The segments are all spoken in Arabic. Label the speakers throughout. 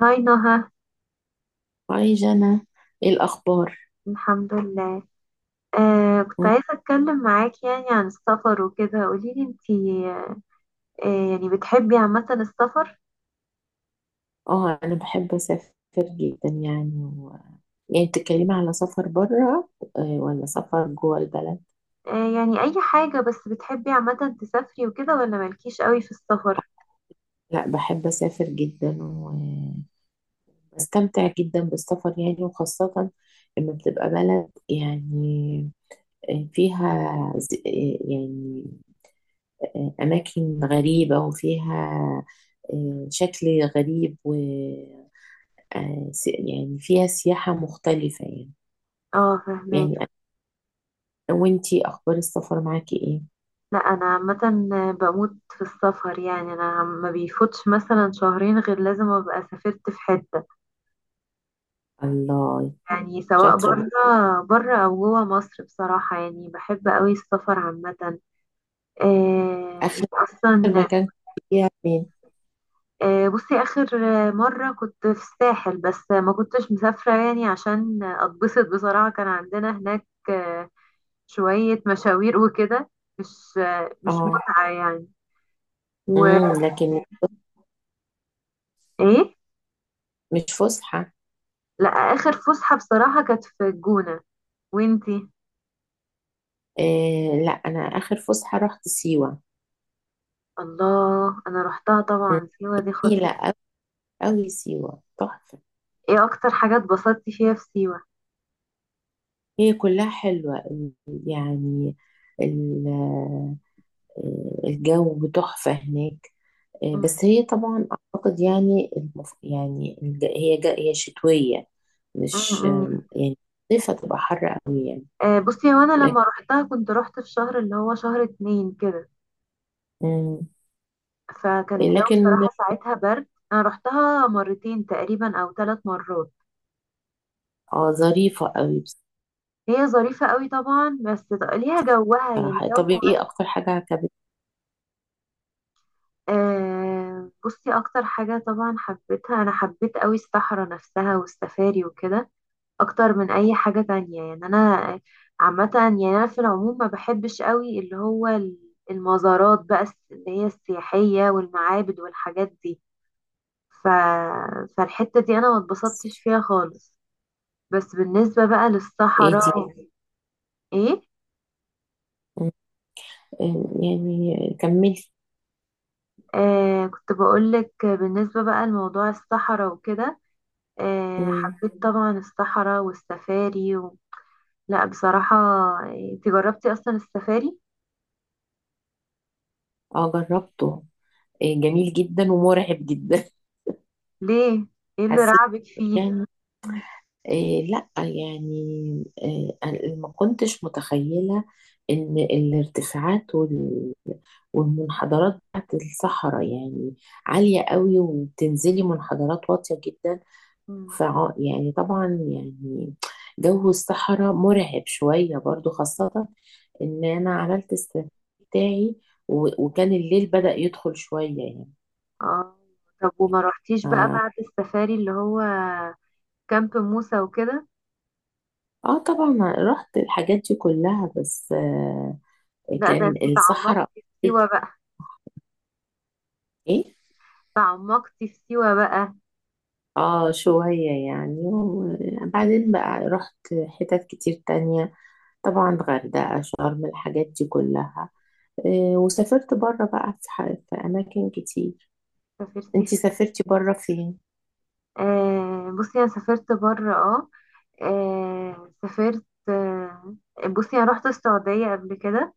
Speaker 1: هاي، نهى.
Speaker 2: هاي جنى. ايه الاخبار؟
Speaker 1: الحمد لله. كنت
Speaker 2: مم.
Speaker 1: عايزة أتكلم معاك يعني عن السفر وكده، قوليلي انتي. يعني بتحبي عامة السفر؟
Speaker 2: اه، انا بحب اسافر جدا يعني يعني بتتكلمي على سفر بره ولا سفر جوه البلد؟
Speaker 1: يعني أي حاجة، بس بتحبي عامة تسافري وكده ولا مالكيش قوي في السفر؟
Speaker 2: لا، بحب اسافر جدا، وبستمتع جدا بالسفر يعني، وخاصة لما بتبقى بلد يعني فيها يعني اماكن غريبة، وفيها شكل غريب، و يعني فيها سياحة مختلفة يعني
Speaker 1: اه، فهماك.
Speaker 2: يعني وانتي، اخبار السفر معاكي ايه؟
Speaker 1: لا، أنا عامة بموت في السفر. يعني أنا ما بيفوتش مثلا شهرين غير لازم أبقى سافرت في حتة،
Speaker 2: الله،
Speaker 1: يعني سواء
Speaker 2: شاطره بقى.
Speaker 1: برا أو جوا مصر. بصراحة يعني بحب قوي السفر عامة.
Speaker 2: اخر
Speaker 1: انت اصلا.
Speaker 2: مكان كنت فيها فين؟
Speaker 1: بصي آخر مرة كنت في الساحل، بس ما كنتش مسافرة، يعني عشان أتبسط. بصراحة كان عندنا هناك شوية مشاوير وكده، مش
Speaker 2: اه.
Speaker 1: متعة يعني. وإيه؟
Speaker 2: لكن مش فسحه؟
Speaker 1: لا، آخر فسحة بصراحة كانت في الجونة. وإنتي؟
Speaker 2: إيه، لا، انا اخر فسحه رحت سيوه.
Speaker 1: الله، أنا روحتها
Speaker 2: مم.
Speaker 1: طبعا. سيوة دي خطيرة.
Speaker 2: جميله قوي، سيوه تحفه.
Speaker 1: إيه أكتر حاجة اتبسطتي فيها في سيوة؟
Speaker 2: هي كلها حلوه. يعني ال- آه، الجو تحفه هناك.
Speaker 1: م-
Speaker 2: بس هي طبعا اعتقد يعني يعني هي شتويه.
Speaker 1: م-
Speaker 2: مش
Speaker 1: م.
Speaker 2: يعني الصيف هتبقى حر قوي يعني.
Speaker 1: بصي هو أنا لما روحتها كنت روحت في شهر اللي هو شهر 2 كده.
Speaker 2: مم.
Speaker 1: فكان الجو
Speaker 2: لكن
Speaker 1: بصراحة ساعتها برد. أنا رحتها مرتين تقريبا أو 3 مرات.
Speaker 2: اه، ظريفة قوي.
Speaker 1: هي ظريفة قوي طبعا، بس ليها جوها، يعني
Speaker 2: بصراحة،
Speaker 1: جو.
Speaker 2: طب ايه اكتر حاجة عجبتك؟
Speaker 1: بصي أكتر حاجة طبعا حبيتها، أنا حبيت قوي الصحراء نفسها والسفاري وكده، أكتر من أي حاجة تانية يعني. أنا عامة يعني أنا في العموم ما بحبش قوي اللي هو المزارات بقى، اللي هي السياحية والمعابد والحاجات دي. ف... فالحتة دي أنا ما اتبسطتش فيها خالص. بس بالنسبة بقى
Speaker 2: ايه دي؟
Speaker 1: للصحراء ايه.
Speaker 2: مم. يعني كملي.
Speaker 1: كنت بقولك بالنسبة بقى لموضوع الصحراء وكده.
Speaker 2: مم.
Speaker 1: حبيت طبعا الصحراء والسفاري لا بصراحة، انت جربتي اصلا السفاري؟
Speaker 2: اه، جربته. إيه، جميل جدا ومرعب جدا.
Speaker 1: ليه؟ ايه اللي
Speaker 2: حسيت
Speaker 1: رعبك فيه؟
Speaker 2: يعني. إيه لا، يعني إيه، أنا ما كنتش متخيلة ان الارتفاعات والمنحدرات بتاعت الصحراء يعني عالية قوي، وبتنزلي منحدرات واطية جدا.
Speaker 1: مم.
Speaker 2: يعني طبعا يعني جو الصحراء مرعب شوية برضو، خاصة ان انا عملت السفاري بتاعي وكان الليل بدأ يدخل شوية يعني.
Speaker 1: اه، طب وما رحتيش بقى
Speaker 2: اه.
Speaker 1: بعد السفاري اللي هو كامب موسى وكده؟
Speaker 2: طبعا رحت الحاجات دي كلها، بس
Speaker 1: لا، ده
Speaker 2: كان
Speaker 1: انت تعمقتي
Speaker 2: الصحراء
Speaker 1: في سيوة بقى.
Speaker 2: ايه.
Speaker 1: تعمقتي في سيوة بقى.
Speaker 2: اه، شوية يعني، وبعدين بقى رحت حتت كتير تانية. طبعا، غردقة شرم الحاجات دي كلها. وسافرت بره بقى في أماكن كتير.
Speaker 1: سافرتي
Speaker 2: انتي
Speaker 1: فين؟
Speaker 2: سافرتي بره فين؟
Speaker 1: بصي انا سافرت بره. سافرت. بصي انا رحت السعودية قبل كده.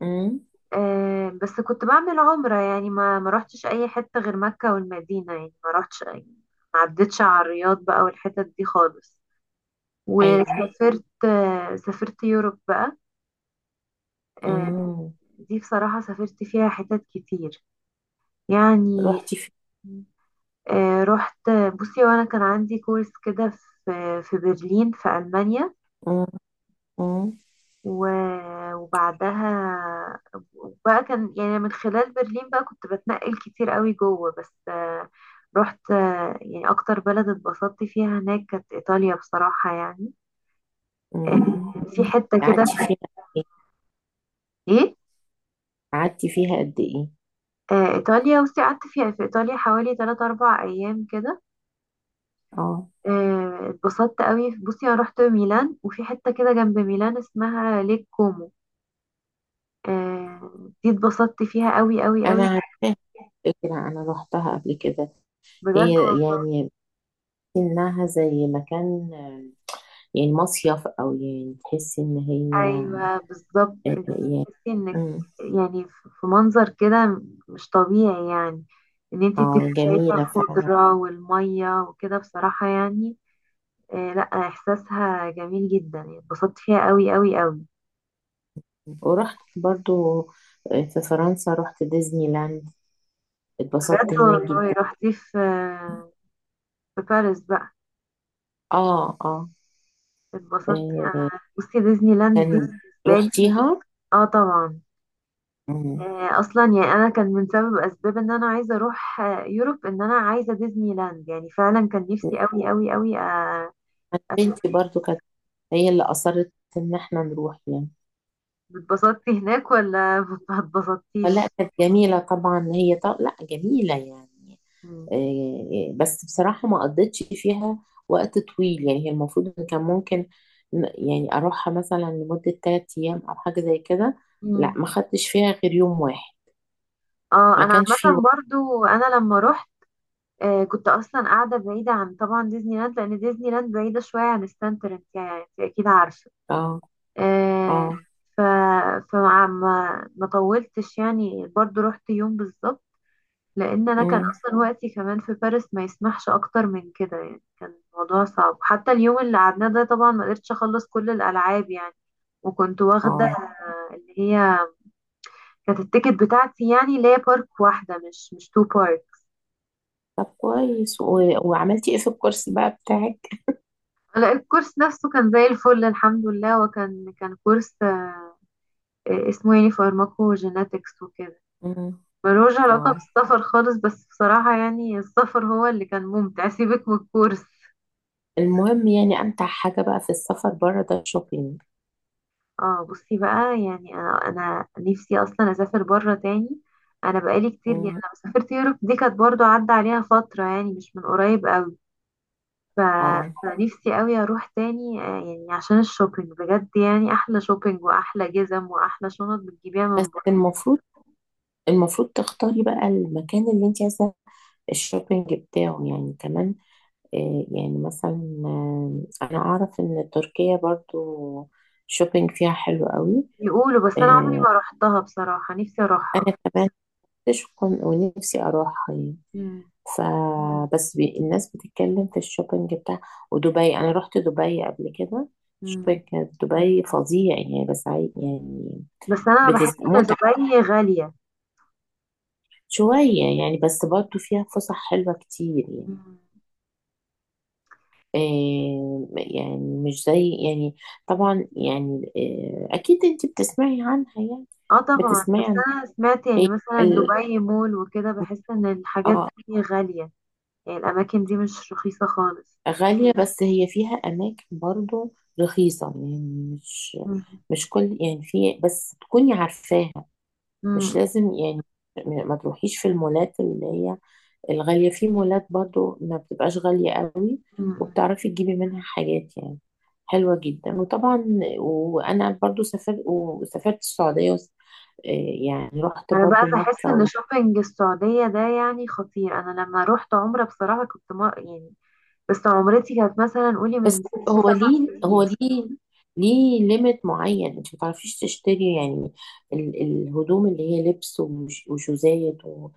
Speaker 2: امم.
Speaker 1: بس كنت بعمل عمرة، يعني ما رحتش اي حتة غير مكة والمدينة، يعني ما رحتش يعني ما عدتش على الرياض بقى والحتت دي خالص.
Speaker 2: ايوه.
Speaker 1: وسافرت، سافرت يوروب بقى. آه،
Speaker 2: امم
Speaker 1: دي بصراحة سافرت فيها حتت كتير يعني.
Speaker 2: روحتي فين؟
Speaker 1: رحت، بصي وانا كان عندي كورس كده في برلين في ألمانيا.
Speaker 2: امم. امم.
Speaker 1: وبعدها وبقى كان، يعني من خلال برلين بقى كنت بتنقل كتير قوي جوه، بس رحت، يعني اكتر بلد اتبسطت فيها هناك كانت ايطاليا بصراحة يعني.
Speaker 2: أمم.
Speaker 1: في حتة كده
Speaker 2: قعدتي
Speaker 1: في،
Speaker 2: فيها قد إيه؟
Speaker 1: ايه،
Speaker 2: قعدتي فيها قد ايه؟
Speaker 1: ايطاليا بصي قعدت فيها في ايطاليا حوالي 3 4 ايام كده.
Speaker 2: اه،
Speaker 1: اتبسطت قوي. بصي انا رحت ميلان وفي حتة كده جنب ميلان اسمها ليك كومو. آه، دي اتبسطت فيها قوي قوي
Speaker 2: انا
Speaker 1: قوي.
Speaker 2: عارفاها. كده انا روحتها قبل كده.
Speaker 1: بجد
Speaker 2: هي
Speaker 1: والله؟
Speaker 2: يعني انها زي مكان، يعني مصيف، او يعني تحسي ان هي
Speaker 1: ايوه بالظبط، انت
Speaker 2: يعني.
Speaker 1: بتحسي انك،
Speaker 2: أمم.
Speaker 1: يعني في منظر كده مش طبيعي يعني، ان انت بتبقي
Speaker 2: اه،
Speaker 1: شايفه
Speaker 2: جميلة فعلا.
Speaker 1: الخضره والميه وكده بصراحه يعني. لا، احساسها جميل جدا يعني، اتبسطت فيها قوي قوي قوي.
Speaker 2: ورحت برضو في فرنسا رحت ديزني لاند،
Speaker 1: بجد
Speaker 2: اتبسطت هناك
Speaker 1: والله؟
Speaker 2: جدا.
Speaker 1: رحتي في باريس بقى؟
Speaker 2: اه، اه.
Speaker 1: اتبسطتي
Speaker 2: آه،
Speaker 1: انا، بصي ديزني لاند دي
Speaker 2: يعني
Speaker 1: بالنسبه لي.
Speaker 2: رحتيها؟
Speaker 1: اه طبعا،
Speaker 2: مم.
Speaker 1: اصلا يعني انا كان من سبب اسباب ان انا عايزه اروح يوروب ان انا عايزه ديزني لاند، يعني فعلا كان نفسي قوي قوي قوي
Speaker 2: أنا
Speaker 1: اشوف.
Speaker 2: بنتي برضو كانت هي اللي أصرت إن احنا نروح يعني.
Speaker 1: اتبسطتي هناك ولا ما اتبسطتيش؟
Speaker 2: فلا كانت جميلة طبعا هي، طب لا جميلة يعني.
Speaker 1: مم.
Speaker 2: إيه، بس بصراحة ما قضيتش فيها وقت طويل يعني، هي المفروض إن كان ممكن يعني أروحها مثلا لمدة تلات أيام أو حاجة زي كده. لا،
Speaker 1: مم.
Speaker 2: ما خدتش فيها غير يوم واحد.
Speaker 1: اه
Speaker 2: ما
Speaker 1: انا
Speaker 2: كانش فيه
Speaker 1: عامه
Speaker 2: وقت.
Speaker 1: برضو، انا لما رحت كنت اصلا قاعده بعيده عن طبعا ديزني لاند، لان ديزني لاند بعيده شويه عن ستانتر. انت يعني انت اكيد عارفه.
Speaker 2: اه،
Speaker 1: آه،
Speaker 2: اه.
Speaker 1: ف فما ما ما طولتش يعني، برضو رحت يوم بالظبط، لان انا كان
Speaker 2: أمم.
Speaker 1: اصلا وقتي كمان في باريس ما يسمحش اكتر من كده. يعني كان الموضوع صعب، حتى اليوم اللي قعدناه ده طبعا ما قدرتش اخلص كل الالعاب يعني. وكنت واخده
Speaker 2: اه،
Speaker 1: اللي هي كانت التيكت بتاعتي، يعني اللي هي بارك واحده مش تو بارك.
Speaker 2: طب كويس وعملتي ايه في الكورس بقى بتاعك؟
Speaker 1: لا، الكورس نفسه كان زي الفل الحمد لله. وكان كورس اسمه، يعني فارماكو جيناتكس وكده.
Speaker 2: أمم.
Speaker 1: ملوش علاقه
Speaker 2: اه،
Speaker 1: بالسفر خالص، بس بصراحه يعني السفر هو اللي كان ممتع. سيبك من الكورس.
Speaker 2: المهم يعني امتع حاجه بقى في السفر بره ده الشوبينج.
Speaker 1: اه، بصي بقى يعني انا نفسي اصلا اسافر بره تاني. انا بقالي كتير، يعني
Speaker 2: مم.
Speaker 1: لما سافرت يوروب دي كانت برضو عدى عليها فترة، يعني مش من قريب قوي. ف...
Speaker 2: اه،
Speaker 1: فنفسي قوي اروح تاني، يعني عشان الشوبينج. بجد يعني احلى شوبينج واحلى جزم واحلى شنط بتجيبيها من
Speaker 2: بس
Speaker 1: بره.
Speaker 2: المفروض تختاري بقى المكان اللي انت عايزه الشوبينج بتاعه يعني كمان. يعني مثلا، انا اعرف ان تركيا برضو شوبينج فيها حلو قوي.
Speaker 1: يقولوا، بس انا عمري
Speaker 2: آه
Speaker 1: ما روحتها بصراحة، نفسي اروحها.
Speaker 2: كمان نفسي ونفسي اروحها يعني.
Speaker 1: مم.
Speaker 2: فبس الناس بتتكلم في الشوبينج بتاع، ودبي انا رحت دبي قبل كده.
Speaker 1: مم.
Speaker 2: شوبينج كانت دبي فظيع يعني، بس يعني
Speaker 1: بس انا بحس ان
Speaker 2: متعة
Speaker 1: دبي غالية.
Speaker 2: شوية يعني، بس برضه فيها فسح حلوة كتير يعني.
Speaker 1: مم.
Speaker 2: يعني مش زي يعني طبعا يعني، أكيد أنت بتسمعي عنها يعني.
Speaker 1: اه طبعا،
Speaker 2: بتسمعي
Speaker 1: بس
Speaker 2: عن،
Speaker 1: انا سمعت
Speaker 2: هي
Speaker 1: يعني مثلا
Speaker 2: ال...
Speaker 1: دبي مول وكده، بحس ان الحاجات
Speaker 2: آه
Speaker 1: دي غالية، يعني الاماكن دي مش رخيصة خالص.
Speaker 2: غالية، بس هي فيها أماكن برضه رخيصة يعني. مش
Speaker 1: مم.
Speaker 2: مش كل يعني، في بس تكوني عارفاها. مش
Speaker 1: مم.
Speaker 2: لازم يعني ما تروحيش في المولات اللي هي الغالية. في مولات برضو ما بتبقاش غالية قوي،
Speaker 1: مم.
Speaker 2: وبتعرفي تجيبي منها حاجات يعني حلوة جدا. وطبعا، وأنا برضو سافرت السعودية آه، يعني رحت
Speaker 1: انا بقى
Speaker 2: برضو
Speaker 1: بحس ان
Speaker 2: مكة.
Speaker 1: شوبينج السعودية ده يعني خطير. انا لما روحت عمرة بصراحة كنت ما يعني، بس عمرتي كانت مثلا قولي
Speaker 2: بس
Speaker 1: من ست
Speaker 2: هو
Speaker 1: سبع
Speaker 2: ليه هو
Speaker 1: سنين
Speaker 2: ليه ليه ليميت معين انت ما تعرفيش تشتري يعني الهدوم اللي هي لبس وشوزات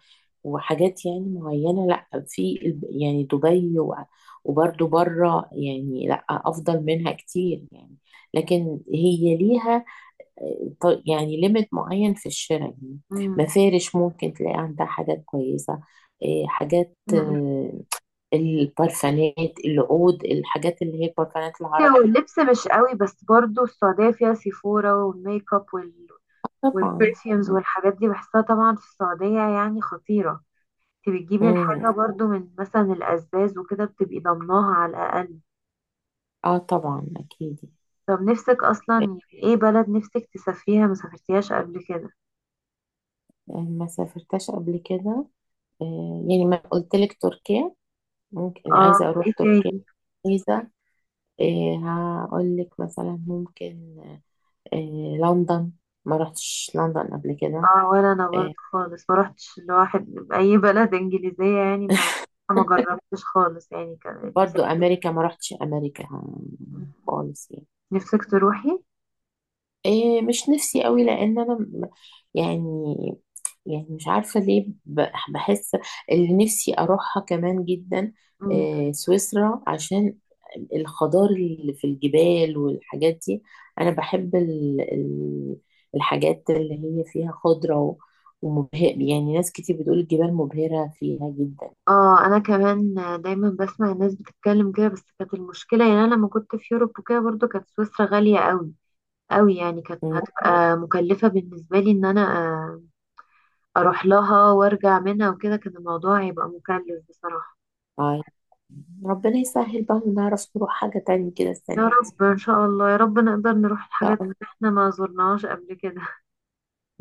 Speaker 2: وحاجات يعني معينة. لا، في يعني دبي وبرضو بره يعني، لا افضل منها كتير يعني. لكن هي ليها يعني ليميت معين في الشراء يعني.
Speaker 1: مم.
Speaker 2: مفارش ممكن تلاقي عندها حاجات كويسة. إيه، حاجات
Speaker 1: مم.
Speaker 2: البرفانات، العود، الحاجات اللي هي البرفانات
Speaker 1: هو
Speaker 2: العربي.
Speaker 1: اللبس مش قوي، بس برضو السعودية فيها سيفورا والميك اب
Speaker 2: طبعا.
Speaker 1: والبرفيومز
Speaker 2: م-
Speaker 1: والحاجات دي، بحسها طبعا في السعودية يعني خطيرة. انت بتجيبي
Speaker 2: م.
Speaker 1: الحاجة برضو من مثلا الأزاز وكده بتبقي ضمناها على الأقل.
Speaker 2: اه، طبعا اكيد.
Speaker 1: طب، نفسك أصلا
Speaker 2: إيه،
Speaker 1: يعني ايه بلد نفسك تسافريها ما سافرتيهاش قبل كده؟
Speaker 2: ما سافرتش قبل كده. إيه، يعني ما قلت لك، تركيا ممكن يعني،
Speaker 1: اه.
Speaker 2: عايزة اروح
Speaker 1: ايه؟
Speaker 2: تركيا.
Speaker 1: تاني؟
Speaker 2: عايزة إيه، هقول لك مثلا ممكن إيه، لندن. ما رحتش لندن قبل كده.
Speaker 1: اه، ولا أنا برضو خالص ما روحتش لواحد بأي بلد إنجليزية، يعني ما جربتش خالص يعني كده.
Speaker 2: برضو امريكا، ما رحتش امريكا خالص يعني.
Speaker 1: نفسك تروحي؟
Speaker 2: إيه، مش نفسي قوي، لان انا يعني يعني مش عارفه ليه، بحس اللي نفسي اروحها كمان جدا
Speaker 1: مم.
Speaker 2: إيه سويسرا، عشان الخضار اللي في الجبال والحاجات دي. انا بحب الحاجات اللي هي فيها خضره ومبهر يعني، ناس كتير بتقول الجبال مبهره فيها جدا.
Speaker 1: اه انا كمان دايما بسمع الناس بتتكلم كده، بس كانت المشكله يعني انا لما كنت في يوروب وكده، برضو كانت سويسرا غاليه قوي قوي يعني، كانت هتبقى مكلفه بالنسبه لي ان انا اروح لها وارجع منها وكده، كان الموضوع هيبقى مكلف بصراحة.
Speaker 2: مم. ربنا يسهل بقى، ونعرف نروح حاجة تانية كده السنة
Speaker 1: يا
Speaker 2: دي.
Speaker 1: رب، ان شاء الله يا رب نقدر نروح الحاجات اللي احنا ما زرناهاش قبل كده.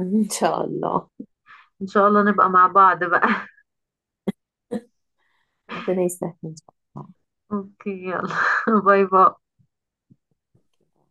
Speaker 2: إن شاء الله.
Speaker 1: ان شاء الله نبقى مع بعض بقى.
Speaker 2: إن شاء الله، ربنا يسهل إن شاء
Speaker 1: اوكي، يلا. باي باي.
Speaker 2: الله.